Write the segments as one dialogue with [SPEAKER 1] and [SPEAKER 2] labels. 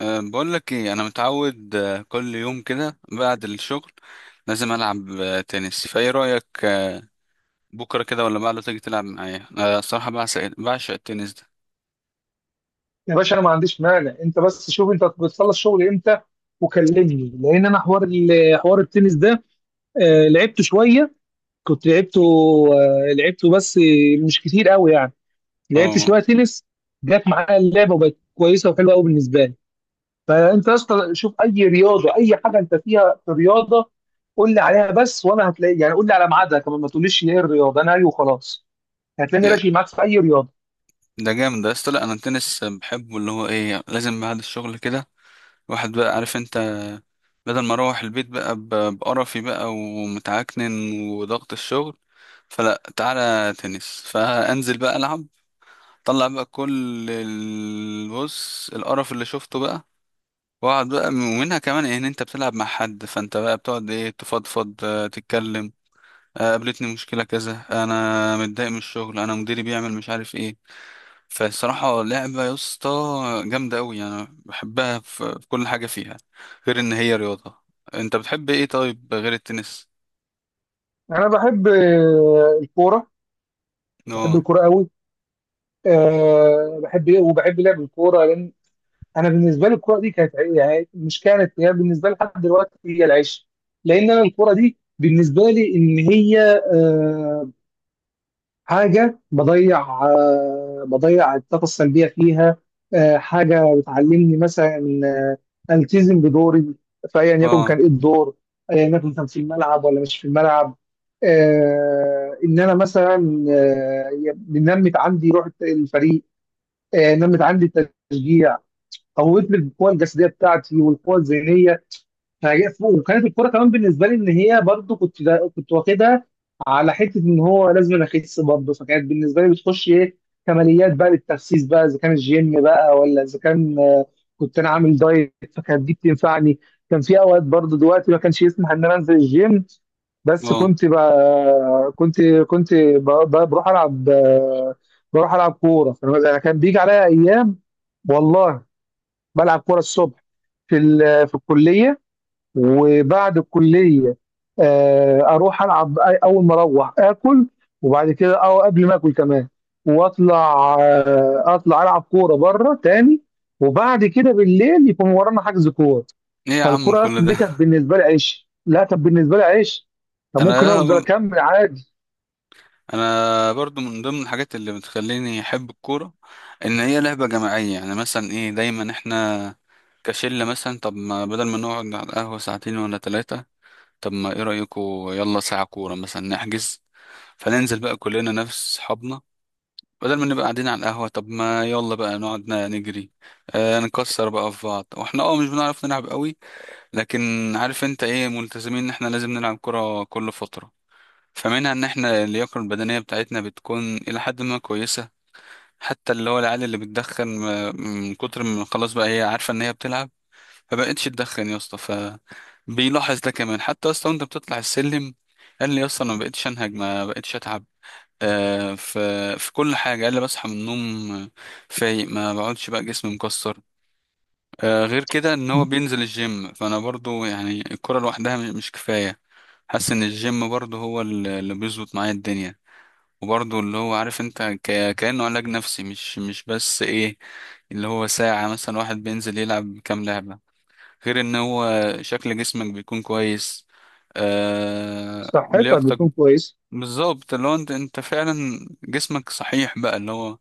[SPEAKER 1] بقول لك ايه، انا متعود، كل يوم كده بعد الشغل لازم العب، تنس، فايه رايك؟ بكره كده ولا بعده تيجي تلعب معايا؟ الصراحه بعشق، التنس ده.
[SPEAKER 2] يا باشا، انا ما عنديش مانع، انت بس شوف انت بتخلص شغل امتى وكلمني، لان انا حوار حوار التنس ده. لعبته شويه، كنت لعبته، لعبته بس مش كتير قوي يعني. لعبت
[SPEAKER 1] اه،
[SPEAKER 2] شويه تنس، جت معايا اللعبه وبقت كويسه وحلوه قوي بالنسبه لي. فانت يا اسطى شوف اي رياضه، اي حاجه انت فيها في رياضه قول لي عليها بس وانا هتلاقي يعني. قول لي على ميعادها كمان، ما تقوليش ايه الرياضه انا ايوه وخلاص. هتلاقيني راشي معاك في اي رياضه.
[SPEAKER 1] ده جامد ده، اصل لا انا التنس بحبه، اللي هو ايه، لازم بعد الشغل كده واحد بقى، عارف انت، بدل ما اروح البيت بقى بقرفي بقى ومتعكنن وضغط الشغل، فلا، تعالى تنس، فانزل بقى العب، طلع بقى كل البص القرف اللي شفته بقى، واقعد بقى. ومنها كمان ان انت بتلعب مع حد، فانت بقى بتقعد تفضفض، تتكلم، قابلتني مشكلة كذا، انا متضايق من الشغل، انا مديري بيعمل مش عارف ايه. فالصراحة لعبة يا اسطى جامدة قوي، انا بحبها في كل حاجة فيها، غير ان هي رياضة. انت بتحب ايه طيب غير التنس؟
[SPEAKER 2] انا بحب الكوره، بحب
[SPEAKER 1] اه.
[SPEAKER 2] الكوره قوي. بحب ايه، وبحب لعب الكوره لان انا بالنسبه لي الكوره دي كانت يعني مش كانت هي بالنسبه لي، لحد دلوقتي هي العيش. لان انا الكوره دي بالنسبه لي ان هي أه حاجه بضيع، بضيع الطاقه السلبيه فيها. حاجه بتعلمني مثلا إن التزم بدوري، فايا يكن كان
[SPEAKER 1] اه.
[SPEAKER 2] ايه الدور، ايا يكن كان في الملعب ولا مش في الملعب. ان انا مثلا بنمت عندي روح الفريق، نمت عندي التشجيع، قوت لي القوه الجسديه بتاعتي والقوه الذهنيه. وكانت الكوره كمان بالنسبه لي ان هي برضو كنت واخدها على حته ان هو لازم أنا اخس برضو. فكانت بالنسبه لي بتخش ايه، كماليات بقى للتخسيس بقى، اذا كان الجيم بقى ولا اذا كان كنت انا عامل دايت فكانت دي بتنفعني. كان في اوقات برضو دلوقتي ما كانش يسمح ان انا انزل الجيم، بس
[SPEAKER 1] اه.
[SPEAKER 2] كنت بقى كنت بروح العب بروح العب كوره. انا كان بيجي عليا ايام، والله بلعب كوره الصبح في الكليه، وبعد الكليه اروح العب، اول ما اروح اكل، وبعد كده او قبل ما اكل كمان واطلع آه، اطلع العب كوره بره تاني. وبعد كده بالليل يكون ورانا حجز كوره.
[SPEAKER 1] ايه يا عم
[SPEAKER 2] فالكوره يا
[SPEAKER 1] كل
[SPEAKER 2] اسطى
[SPEAKER 1] ده؟
[SPEAKER 2] دي كانت بالنسبه لي عيش، لا كانت بالنسبه لي عيش،
[SPEAKER 1] انا،
[SPEAKER 2] فممكن افضل اكمل عادي.
[SPEAKER 1] انا برضو من ضمن الحاجات اللي بتخليني احب الكوره ان هي لعبه جماعيه، يعني مثلا ايه، دايما احنا كشله مثلا، طب ما بدل ما نقعد على القهوه ساعتين ولا ثلاثه، طب ما ايه رايكم، يلا ساعه كوره مثلا نحجز، فننزل بقى كلنا نفس صحابنا، بدل ما نبقى قاعدين على القهوه، طب ما يلا بقى نقعد، نجري، آه نكسر بقى في بعض، واحنا اه مش بنعرف نلعب قوي، لكن عارف انت ايه، ملتزمين ان احنا لازم نلعب كوره كل فتره، فمنها ان احنا اللياقه البدنيه بتاعتنا بتكون الى حد ما كويسه. حتى اللي هو العيال اللي بتدخن، من كتر ما خلاص بقى هي عارفه ان هي بتلعب، فبقتش تدخن يا اسطى، فبيلاحظ ده كمان حتى يا اسطى، وانت بتطلع السلم قال لي يا اسطى انا ما بقتش انهج، ما بقتش اتعب، آه في، في كل حاجه. قال لي بصحى من النوم فايق، ما بقعدش بقى جسمي مكسر، آه. غير كده ان هو بينزل الجيم، فانا برضو يعني الكره لوحدها مش، مش كفايه، حاسس ان الجيم برضو هو اللي بيظبط معايا الدنيا، وبرضه اللي هو عارف انت، ك... كأنه علاج نفسي، مش، مش بس ايه، اللي هو ساعة مثلا واحد بينزل يلعب كام لعبة، غير ان هو شكل جسمك بيكون كويس، آه...
[SPEAKER 2] صحتها بتكون
[SPEAKER 1] لياقتك،
[SPEAKER 2] كويسه.
[SPEAKER 1] بالظبط، اللي هو انت، فعلا جسمك صحيح بقى، اللي هو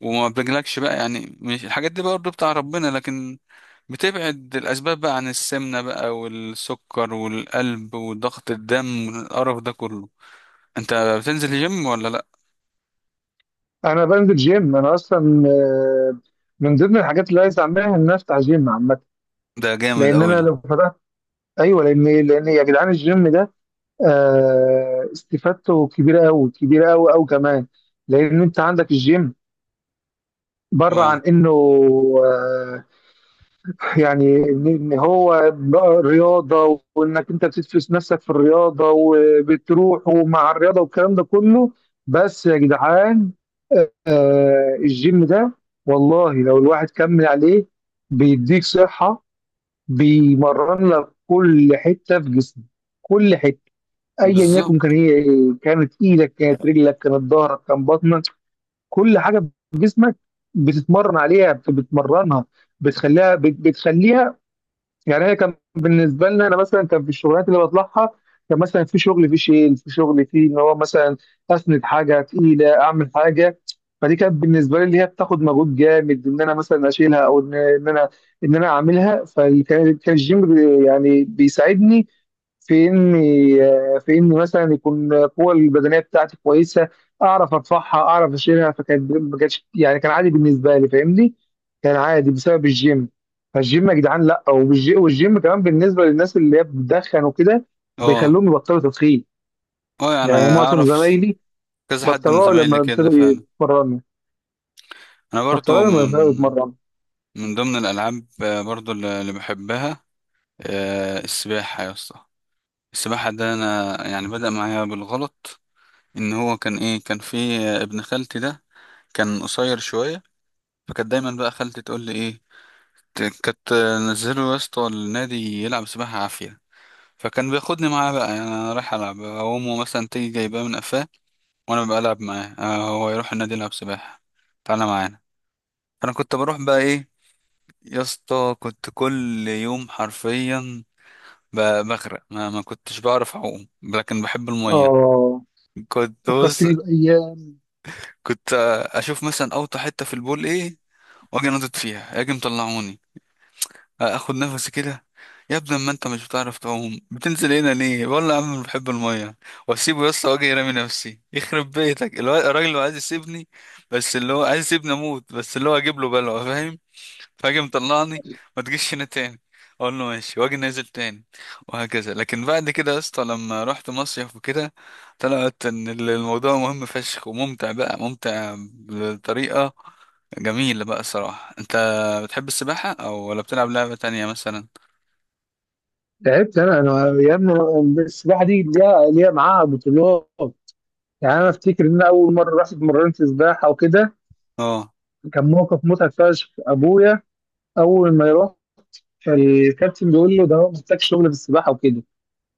[SPEAKER 1] وما بيجيلكش بقى، يعني مش الحاجات دي برضه بتاع ربنا، لكن بتبعد الأسباب بقى عن السمنة بقى والسكر والقلب وضغط الدم والقرف ده كله. انت بتنزل الجيم ولا لأ؟
[SPEAKER 2] انا بنزل جيم انا اصلا. آه، من ضمن الحاجات اللي عايز اعملها ان أنا افتح جيم عامه.
[SPEAKER 1] ده جامد
[SPEAKER 2] لان انا
[SPEAKER 1] أوي.
[SPEAKER 2] لو فتحت، ايوه، لان يا جدعان الجيم ده استفادته كبيره قوي، كبيره قوي قوي كمان. لان انت عندك الجيم بره عن
[SPEAKER 1] اه.
[SPEAKER 2] انه آه، يعني إن هو بقى رياضة، وإنك أنت بتدفس نفسك في الرياضة وبتروح ومع الرياضة والكلام ده كله. بس يا جدعان الجيم ده، والله لو الواحد كمل عليه بيديك صحة، بيمرن لك كل حتة في جسمك، كل حتة. أيا يكن كان
[SPEAKER 1] بالظبط.
[SPEAKER 2] هي إيه، كانت إيدك كانت رجلك كانت ظهرك كان بطنك، كل حاجة في جسمك بتتمرن عليها بتمرنها، بتخليها بتخليها. يعني هي كان بالنسبه لنا انا مثلا كان في الشغلات اللي بطلعها، كان مثلا في شغل، في شيل، في شغل في ان هو مثلا اسند حاجه تقيله اعمل حاجه. فدي كانت بالنسبه لي اللي هي بتاخد مجهود جامد، ان انا مثلا اشيلها، او ان انا اعملها. فكان الجيم يعني بيساعدني في اني في اني مثلا يكون القوه البدنيه بتاعتي كويسه، اعرف ارفعها اعرف اشيلها. فكانت ما كانتش يعني، كان عادي بالنسبه لي فاهمني، كان عادي بسبب الجيم. فالجيم يا جدعان لا، والجيم كمان بالنسبه للناس اللي هي بتدخن وكده
[SPEAKER 1] اه.
[SPEAKER 2] بيخلوهم يبطلوا تدخين.
[SPEAKER 1] اه يعني
[SPEAKER 2] يعني معظم
[SPEAKER 1] اعرف
[SPEAKER 2] زمايلي
[SPEAKER 1] كذا حد من
[SPEAKER 2] بطلوها لما
[SPEAKER 1] زمايلي كده
[SPEAKER 2] ابتدوا
[SPEAKER 1] فعلا.
[SPEAKER 2] يتمرنوا،
[SPEAKER 1] انا
[SPEAKER 2] بطلوها
[SPEAKER 1] برضو
[SPEAKER 2] لما ابتدوا
[SPEAKER 1] من،
[SPEAKER 2] يتمرنوا.
[SPEAKER 1] من ضمن الالعاب برضو اللي بحبها، السباحه يا اسطى. السباحه ده انا يعني بدأ معايا بالغلط، ان هو كان ايه، كان في ابن خالتي ده، كان قصير شويه، فكانت دايما بقى خالتي تقول لي ايه، كانت نزله يا اسطى النادي يلعب سباحه عافيه، فكان بياخدني معاه بقى، يعني انا رايح العب، امه مثلا تيجي جايباه من قفاه وانا بلعب معاه، هو يروح النادي يلعب سباحة، تعالى معانا. فانا كنت بروح بقى ايه، يا اسطى كنت كل يوم حرفيا بغرق، ما كنتش بعرف اعوم، لكن بحب المية،
[SPEAKER 2] اه،
[SPEAKER 1] كنت بص،
[SPEAKER 2] فكرتني بايام.
[SPEAKER 1] كنت اشوف مثلا اوطى حتة في البول ايه، واجي نطط فيها، اجي مطلعوني، اخد نفسي كده، يا ابني ما انت مش بتعرف تعوم، بتنزل هنا ليه؟ والله يا عم أنا بحب الميه، واسيبه يا اسطى واجي رامي نفسي، يخرب بيتك الراجل اللي عايز يسيبني، بس اللي هو عايز يسيبني اموت، بس اللي هو اجيب له بلوه، فاهم؟ فاجي مطلعني، ما تجيش هنا تاني، اقول له ماشي، واجي نازل تاني، وهكذا. لكن بعد كده يا اسطى لما رحت مصيف وكده، طلعت ان الموضوع مهم فشخ وممتع، بقى ممتع بطريقه جميل بقى، الصراحة. انت بتحب السباحة او ولا بتلعب لعبة تانية مثلا؟
[SPEAKER 2] تعبت انا يا ابني السباحه دي ليها معاها بطولات. يعني انا افتكر ان أنا اول مره رحت اتمرنت سباحه وكده،
[SPEAKER 1] اه.
[SPEAKER 2] كان موقف مضحك فشخ. ابويا اول ما يروح الكابتن بيقول له ده هو محتاج شغل في السباحه وكده،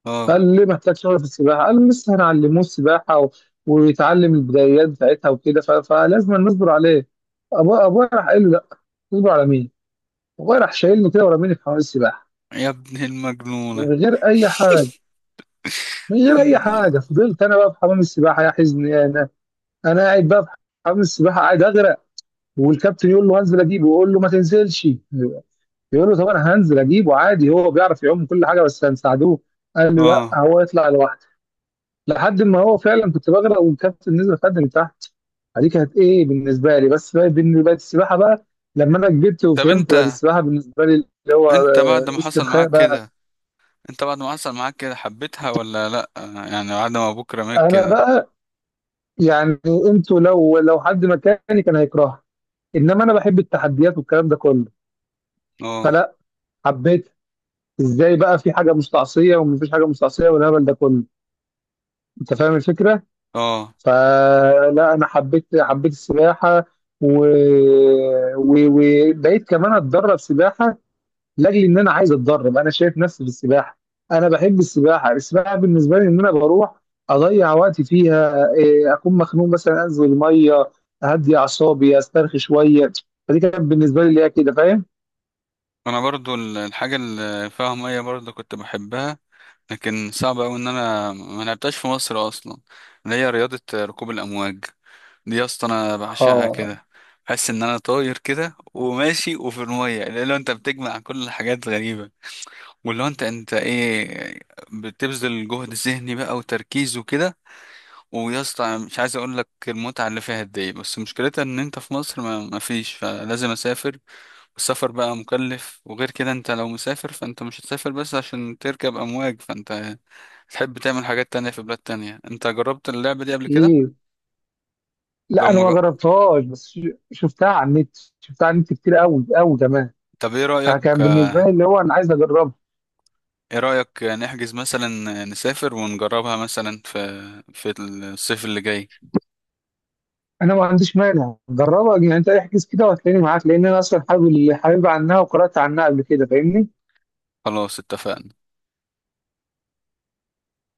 [SPEAKER 1] اه.
[SPEAKER 2] فقال ليه محتاج شغل في السباحه، قال له لسه هنعلموه السباحه ويتعلم البدايات بتاعتها وكده، فلازم نصبر عليه. ابويا راح قال له لا، تصبر على مين؟ ابويا راح شايلني كده ورميني في حمام السباحه
[SPEAKER 1] يا ابن المجنونة.
[SPEAKER 2] من غير اي حاجه، من غير اي حاجه. فضلت انا بقى في حمام السباحه، يا حزن يا انا، انا قاعد بقى في حمام السباحه قاعد اغرق. والكابتن يقول له هنزل اجيبه، يقول له ما تنزلش، يقول له طب انا هنزل اجيبه عادي، هو بيعرف يعوم كل حاجه بس هنساعدوه، قال له لا
[SPEAKER 1] اه.
[SPEAKER 2] هو يطلع لوحده. لحد ما هو فعلا كنت بغرق والكابتن نزل خدني تحت. دي كانت ايه بالنسبه لي، بس بالنسبه السباحه بقى لما انا كبرت
[SPEAKER 1] طب
[SPEAKER 2] وفهمت بقت
[SPEAKER 1] انت،
[SPEAKER 2] السباحه بالنسبه لي اللي هو
[SPEAKER 1] انت بعد ما حصل
[SPEAKER 2] استرخاء
[SPEAKER 1] معاك
[SPEAKER 2] بقى.
[SPEAKER 1] كده انت بعد ما حصل معاك كده حبيتها ولا لا؟ يعني بعد ما ابوك رماك
[SPEAKER 2] انا
[SPEAKER 1] كده.
[SPEAKER 2] بقى يعني انتوا لو حد مكاني كان هيكرهها، انما انا بحب التحديات والكلام ده كله.
[SPEAKER 1] اه.
[SPEAKER 2] فلا، حبيت، ازاي بقى في حاجه مستعصيه، ومفيش حاجه مستعصيه والهبل ده كله، انت فاهم الفكره.
[SPEAKER 1] اه.
[SPEAKER 2] فلا انا حبيت حبيت السباحه، و... وبقيت كمان اتدرب سباحه لاجل ان انا عايز اتدرب، انا شايف نفسي في السباحه. انا بحب السباحه، السباحه بالنسبه لي ان انا بروح اضيع وقتي فيها إيه، اكون مخنوق مثلا انزل الميه اهدي اعصابي استرخي شويه، فدي كانت بالنسبه لي اللي هي كده فاهم.
[SPEAKER 1] انا برضو الحاجة اللي فيها مية برضو كنت بحبها، لكن صعب اوي ان انا ما لعبتهاش في مصر اصلا، اللي هي رياضة ركوب الامواج، دي يا اسطى انا بعشقها
[SPEAKER 2] اه،
[SPEAKER 1] كده، بحس ان انا طاير كده وماشي، وفي الميه لو انت بتجمع كل الحاجات غريبه، واللي هو انت، ايه، بتبذل جهد ذهني بقى وتركيز وكده، ويا اسطى أنا مش عايز اقول لك المتعه اللي فيها قد ايه، بس مشكلتها ان انت في مصر ما، ما فيش، فلازم اسافر، والسفر بقى مكلف، وغير كده انت لو مسافر فانت مش هتسافر بس عشان تركب امواج، فانت تحب تعمل حاجات تانية في بلاد تانية. انت جربت اللعبه دي قبل كده؟
[SPEAKER 2] اكيد لا
[SPEAKER 1] لو
[SPEAKER 2] انا ما
[SPEAKER 1] مج...
[SPEAKER 2] جربتهاش، بس شفتها على النت، شفتها على النت كتير قوي قوي كمان.
[SPEAKER 1] طب ايه رأيك،
[SPEAKER 2] فكان بالنسبه لي اللي هو انا عايز اجربها.
[SPEAKER 1] ايه رأيك نحجز مثلا، نسافر ونجربها مثلا في، في الصيف اللي جاي؟
[SPEAKER 2] انا ما عنديش مانع، جربها يعني، انت احجز كده وهتلاقيني معاك، لان انا اصلا حابب، حابب عنها، وقرات عنها قبل كده فاهمني.
[SPEAKER 1] خلاص اتفقنا.